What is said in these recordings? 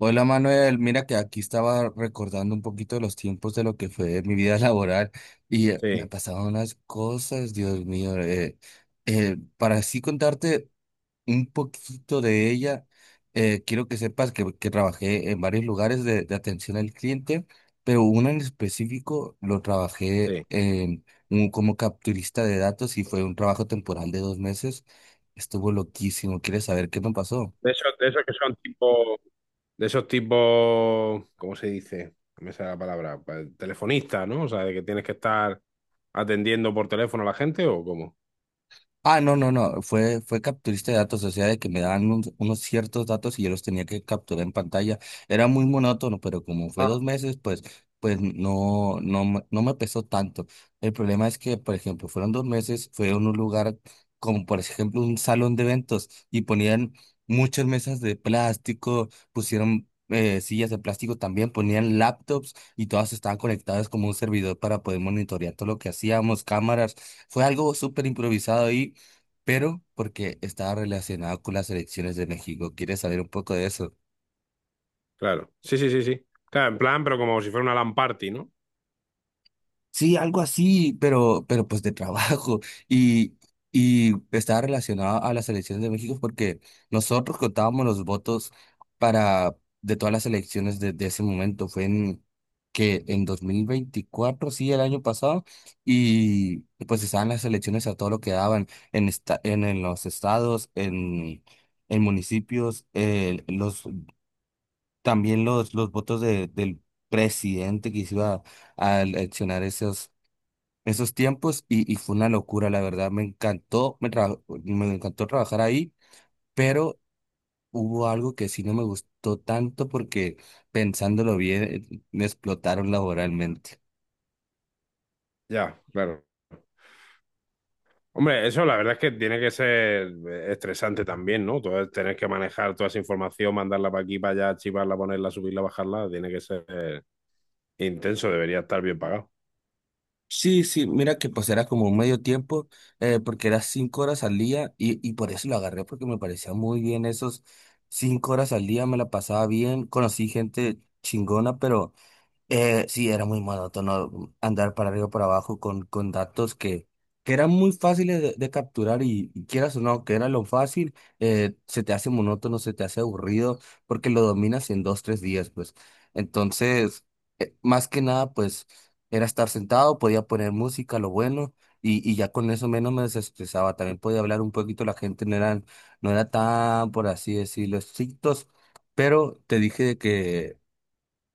Hola Manuel, mira que aquí estaba recordando un poquito de los tiempos de lo que fue mi vida laboral y me Sí, pasaban unas cosas, Dios mío. Para así contarte un poquito de ella, quiero que sepas que trabajé en varios lugares de atención al cliente, pero uno en específico lo trabajé sí. en un, como capturista de datos y fue un trabajo temporal de dos meses. Estuvo loquísimo. ¿Quieres saber qué me pasó? De esos que son tipo, de esos tipos, ¿cómo se dice? No me sale la palabra, pa- telefonista, ¿no? O sea, de que tienes que estar atendiendo por teléfono a la gente o cómo. Ah, no, no, no, fue capturista de datos, o sea, de que me daban unos ciertos datos y yo los tenía que capturar en pantalla. Era muy monótono, pero como fue Ah. dos meses, pues, pues no me pesó tanto. El problema es que, por ejemplo, fueron dos meses, fue en un lugar como, por ejemplo, un salón de eventos y ponían muchas mesas de plástico, pusieron sillas de plástico también, ponían laptops y todas estaban conectadas como un servidor para poder monitorear todo lo que hacíamos, cámaras. Fue algo súper improvisado ahí pero porque estaba relacionado con las elecciones de México. ¿Quieres saber un poco de eso? Claro, sí, sí, sí, sí. Claro, en plan, pero como si fuera una LAN party, ¿no? Sí, algo así, pero pues de trabajo. Y, y estaba relacionado a las elecciones de México porque nosotros contábamos los votos para de todas las elecciones de ese momento. Fue en que en 2024, sí, el año pasado, y pues estaban las elecciones a todo lo que daban en los estados, en municipios, los también los votos del presidente que se iba a eleccionar esos, esos tiempos y fue una locura, la verdad. Me encantó, me encantó trabajar ahí, pero hubo algo que sí no me gustó tanto porque pensándolo bien, me explotaron laboralmente. Ya, claro. Hombre, eso la verdad es que tiene que ser estresante también, ¿no? Todo, tener que manejar toda esa información, mandarla para aquí, para allá, archivarla, ponerla, subirla, bajarla, tiene que ser intenso, debería estar bien pagado. Sí, sí, mira que pues era como un medio tiempo, porque era 5 horas al día y por eso lo agarré porque me parecía muy bien esos 5 horas al día, me la pasaba bien, conocí gente chingona, pero sí, era muy monótono andar para arriba y para abajo con datos que eran muy fáciles de capturar y quieras o no, que era lo fácil, se te hace monótono, se te hace aburrido, porque lo dominas en dos, tres días, pues. Entonces, más que nada, pues, era estar sentado, podía poner música, lo bueno, y ya con eso menos me desestresaba. También podía hablar un poquito, la gente no eran, no era tan, por así decirlo, estrictos, pero te dije de que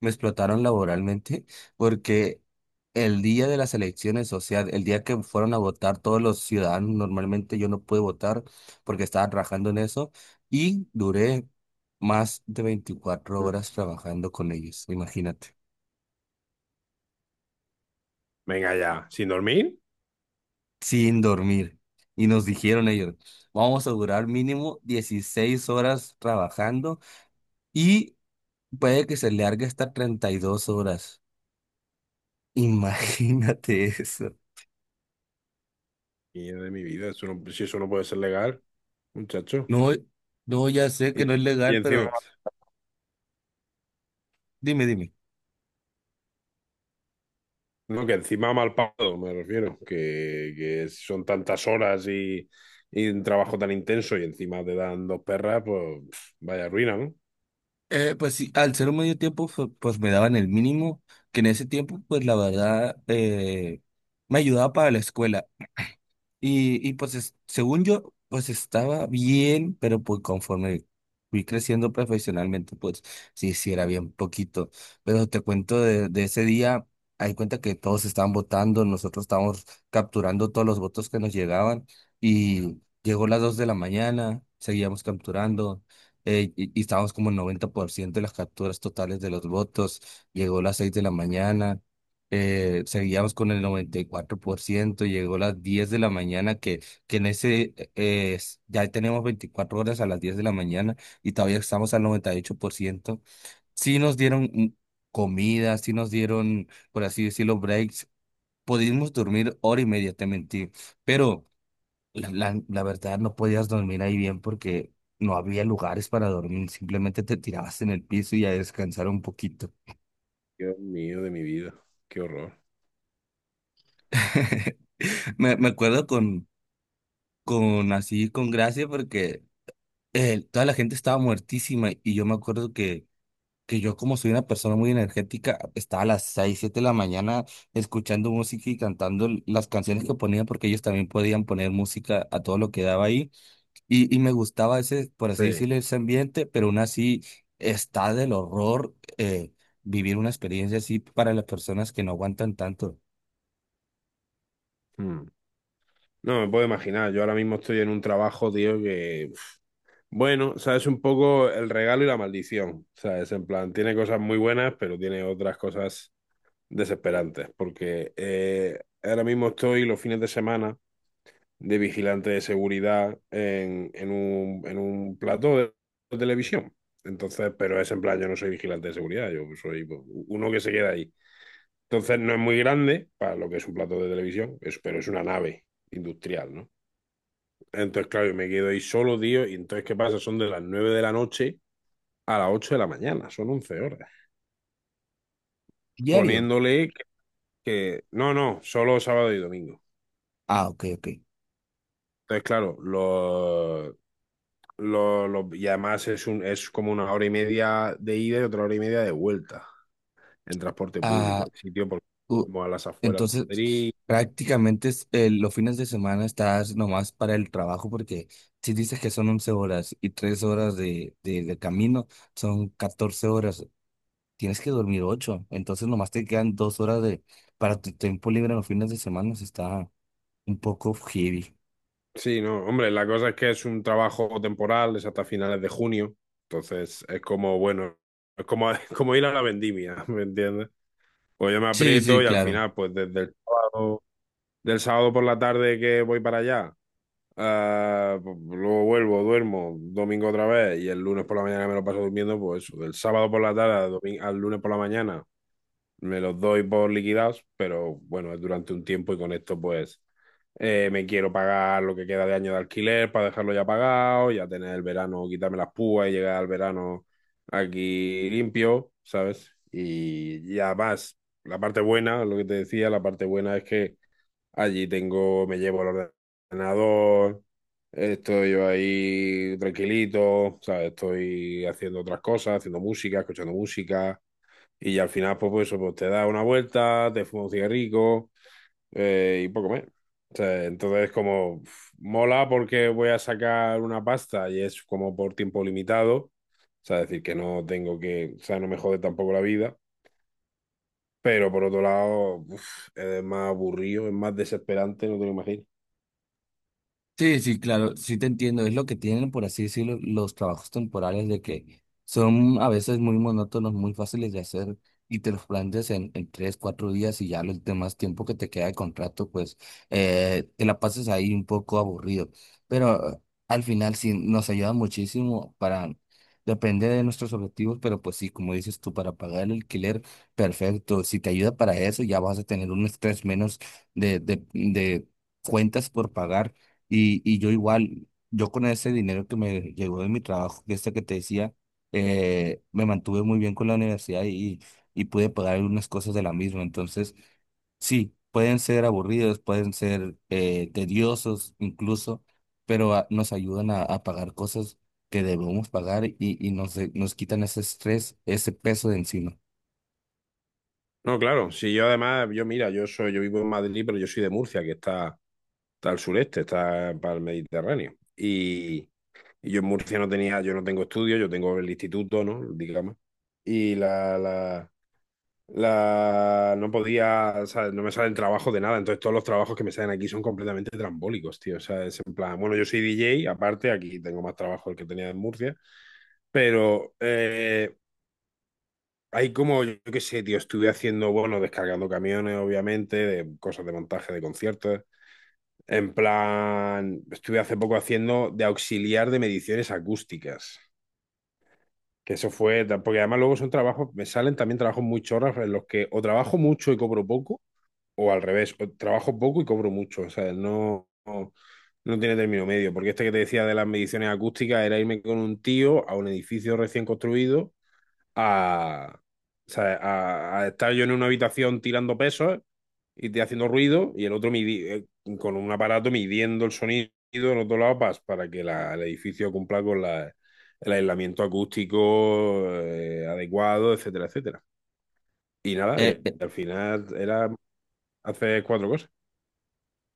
me explotaron laboralmente porque el día de las elecciones, o sea, el día que fueron a votar todos los ciudadanos, normalmente yo no pude votar porque estaba trabajando en eso y duré más de veinticuatro Mm. horas trabajando con ellos, imagínate, Venga ya, ¿sin dormir? sin dormir. Y nos dijeron ellos, vamos a durar mínimo 16 horas trabajando y puede que se largue hasta 32 horas. Imagínate eso. Y de mi vida, eso no- si eso no puede ser legal, muchacho. No, no, ya sé que Y, no es y legal, encima, pero dime, dime. no, que encima mal pagado, me refiero, que son tantas horas y un trabajo tan intenso y encima te dan dos perras, pues pf, vaya ruina, ¿no? Pues sí, al ser un medio tiempo, pues me daban el mínimo, que en ese tiempo, pues la verdad, me ayudaba para la escuela. Y pues según yo, pues estaba bien, pero pues conforme fui creciendo profesionalmente, pues sí, sí era bien poquito. Pero te cuento de ese día, hay cuenta que todos estaban votando, nosotros estábamos capturando todos los votos que nos llegaban y llegó las 2 de la mañana, seguíamos capturando. Y estábamos como en 90% de las capturas totales de los votos. Llegó las 6 de la mañana seguíamos con el 94%, llegó a las 10 de la mañana, que en ese ya tenemos 24 horas a las 10 de la mañana y todavía estamos al 98%. Sí nos dieron comida, sí nos dieron, por así decirlo, breaks. Pudimos dormir hora y media, te mentí, pero la verdad no podías dormir ahí bien porque no había lugares para dormir, simplemente te tirabas en el piso y a descansar un poquito. Dios mío de mi vida, qué horror. Me acuerdo con gracia, porque toda la gente estaba muertísima y yo me acuerdo que yo como soy una persona muy energética, estaba a las 6 7 de la mañana escuchando música y cantando las canciones que ponían, porque ellos también podían poner música a todo lo que daba ahí y me gustaba ese, por así Sí. decirlo, ese ambiente, pero aún así está del horror vivir una experiencia así para las personas que no aguantan tanto Mm. No, me puedo imaginar, yo ahora mismo estoy en un trabajo, tío, que, pf, bueno, sabes, un poco el regalo y la maldición, sabes, en plan, tiene cosas muy buenas, pero tiene otras cosas desesperantes, porque ahora mismo estoy los fines de semana de vigilante de seguridad en un, en un plató de televisión. Entonces, pero es en plan, yo no soy vigilante de seguridad, yo soy pues, uno que se queda ahí. Entonces, no es muy grande para lo que es un plató de televisión, es- pero es una nave industrial, ¿no? Entonces, claro, yo me quedo ahí solo, tío, y entonces, ¿qué pasa? Son de las 9 de la noche a las 8 de la mañana, son 11 horas, diario. poniéndole que- no, no, solo sábado y domingo. Ah, ok, ok. Entonces, claro, y además es un, es como una hora y media de ida y otra hora y media de vuelta en transporte público. Ah, El sitio por- Uh, como a las afueras entonces, de Madrid. prácticamente los fines de semana estás nomás para el trabajo porque si dices que son 11 horas y 3 horas de camino, son 14 horas. Tienes que dormir ocho, entonces nomás te quedan 2 horas de, para tu tiempo libre en los fines de semana. Sí, está un poco heavy. Sí, no, hombre, la cosa es que es un trabajo temporal, es hasta finales de junio. Entonces, es como, bueno, es como, es como ir a la vendimia, ¿me entiendes? Pues yo me Sí, aprieto sí, y al claro. final, pues desde el sábado, del sábado por la tarde que voy para allá. Ah, pues, luego vuelvo, duermo domingo otra vez y el lunes por la mañana me lo paso durmiendo, pues eso, del sábado por la tarde al, domi- al lunes por la mañana me los doy por liquidados, pero bueno, es durante un tiempo y con esto pues me quiero pagar lo que queda de año de alquiler para dejarlo ya pagado, ya tener el verano, quitarme las púas y llegar al verano aquí limpio, ¿sabes? Y además, la parte buena, lo que te decía, la parte buena es que allí tengo, me llevo el ordenador, estoy ahí tranquilito, ¿sabes? Estoy haciendo otras cosas, haciendo música, escuchando música, y al final, pues, pues eso, pues te das una vuelta, te fumas un cigarrillo y poco más. O sea, entonces, como uf, mola porque voy a sacar una pasta y es como por tiempo limitado, o sea, es decir, que no tengo que, o sea, no me jode tampoco la vida, pero por otro lado, uf, es más aburrido, es más desesperante, no te lo imaginas. Sí, sí, claro, sí te entiendo. Es lo que tienen, por así decirlo, los trabajos temporales de que son a veces muy monótonos, muy fáciles de hacer y te los planteas en tres, cuatro días y ya los demás tiempo que te queda de contrato, pues te la pasas ahí un poco aburrido. Pero al final sí nos ayuda muchísimo para, depende de nuestros objetivos, pero pues sí, como dices tú, para pagar el alquiler, perfecto. Si te ayuda para eso, ya vas a tener un estrés menos de cuentas por pagar y yo igual, yo con ese dinero que me llegó de mi trabajo, que este que te decía, me mantuve muy bien con la universidad y pude pagar algunas cosas de la misma. Entonces, sí, pueden ser aburridos, pueden ser tediosos incluso, pero ah, nos ayudan a pagar cosas que debemos pagar nos quitan ese estrés, ese peso de encima. No, claro, si yo además, yo mira, yo soy, yo vivo en Madrid, pero yo soy de Murcia, que está, está al sureste, está para el Mediterráneo. Y yo en Murcia no tenía, yo no tengo estudios, yo tengo el instituto, ¿no? Digamos. Y no podía, o sea, no me salen trabajos de nada. Entonces todos los trabajos que me salen aquí son completamente trambólicos, tío. O sea, es en plan, bueno, yo soy DJ, aparte, aquí tengo más trabajo del que tenía en Murcia. Pero hay como, yo qué sé, tío, estuve haciendo, bueno, descargando camiones, obviamente, de cosas de montaje de conciertos. En plan, estuve hace poco haciendo de auxiliar de mediciones acústicas. Que eso fue, porque además luego son trabajos, me salen también trabajos muy chorras en los que o trabajo mucho y cobro poco, o al revés, o trabajo poco y cobro mucho. O sea, no, no, no tiene término medio, porque este que te decía de las mediciones acústicas era irme con un tío a un edificio recién construido a, o sea, a estar yo en una habitación tirando pesos y te haciendo ruido y el otro midi- con un aparato midiendo el sonido en otro lado pa- para que la- el edificio cumpla con la- el aislamiento acústico adecuado, etcétera, etcétera. Y nada, Eh, y al final era hacer cuatro cosas.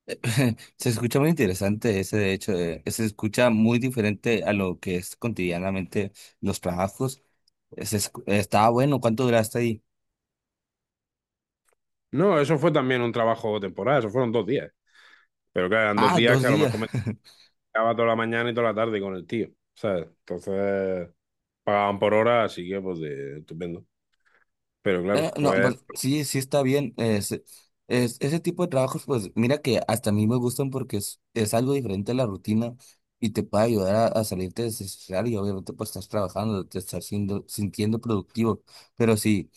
Se escucha muy interesante ese, de hecho, se escucha muy diferente a lo que es cotidianamente los trabajos. Está bueno, ¿cuánto duraste ahí? No, eso fue también un trabajo temporal, eso fueron dos días. Pero claro, eran dos Ah, días dos que a lo días. mejor me quedaba toda la mañana y toda la tarde con el tío, ¿sabes? Entonces... pagaban por hora, así que pues de- estupendo. Pero claro, No, pues, pues sí, sí está bien. Ese tipo de trabajos, pues mira que hasta a mí me gustan porque es algo diferente a la rutina y te puede ayudar a salirte de ese y obviamente pues estás trabajando, sintiendo productivo. Pero sí.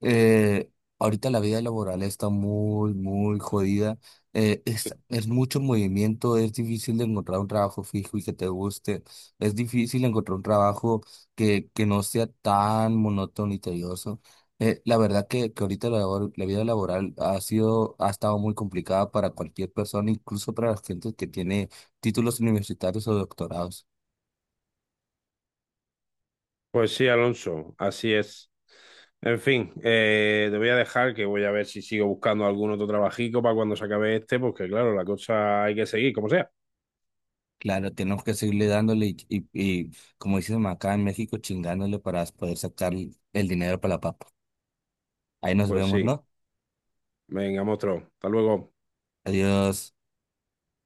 Eh, Ahorita la vida laboral está muy, muy jodida. Es mucho movimiento, es difícil de encontrar un trabajo fijo y que te guste. Es difícil encontrar un trabajo que no sea tan monótono y tedioso. La verdad que ahorita la vida laboral ha sido, ha estado muy complicada para cualquier persona, incluso para la gente que tiene títulos universitarios o doctorados. pues sí, Alonso, así es. En fin, te voy a dejar que voy a ver si sigo buscando algún otro trabajico para cuando se acabe este, porque claro, la cosa hay que seguir, como sea. Claro, tenemos que seguirle dándole y, como dicen acá en México, chingándole para poder sacar el dinero para la papa. Ahí nos Pues vemos, sí, ¿no? venga, monstruo, hasta luego. Adiós.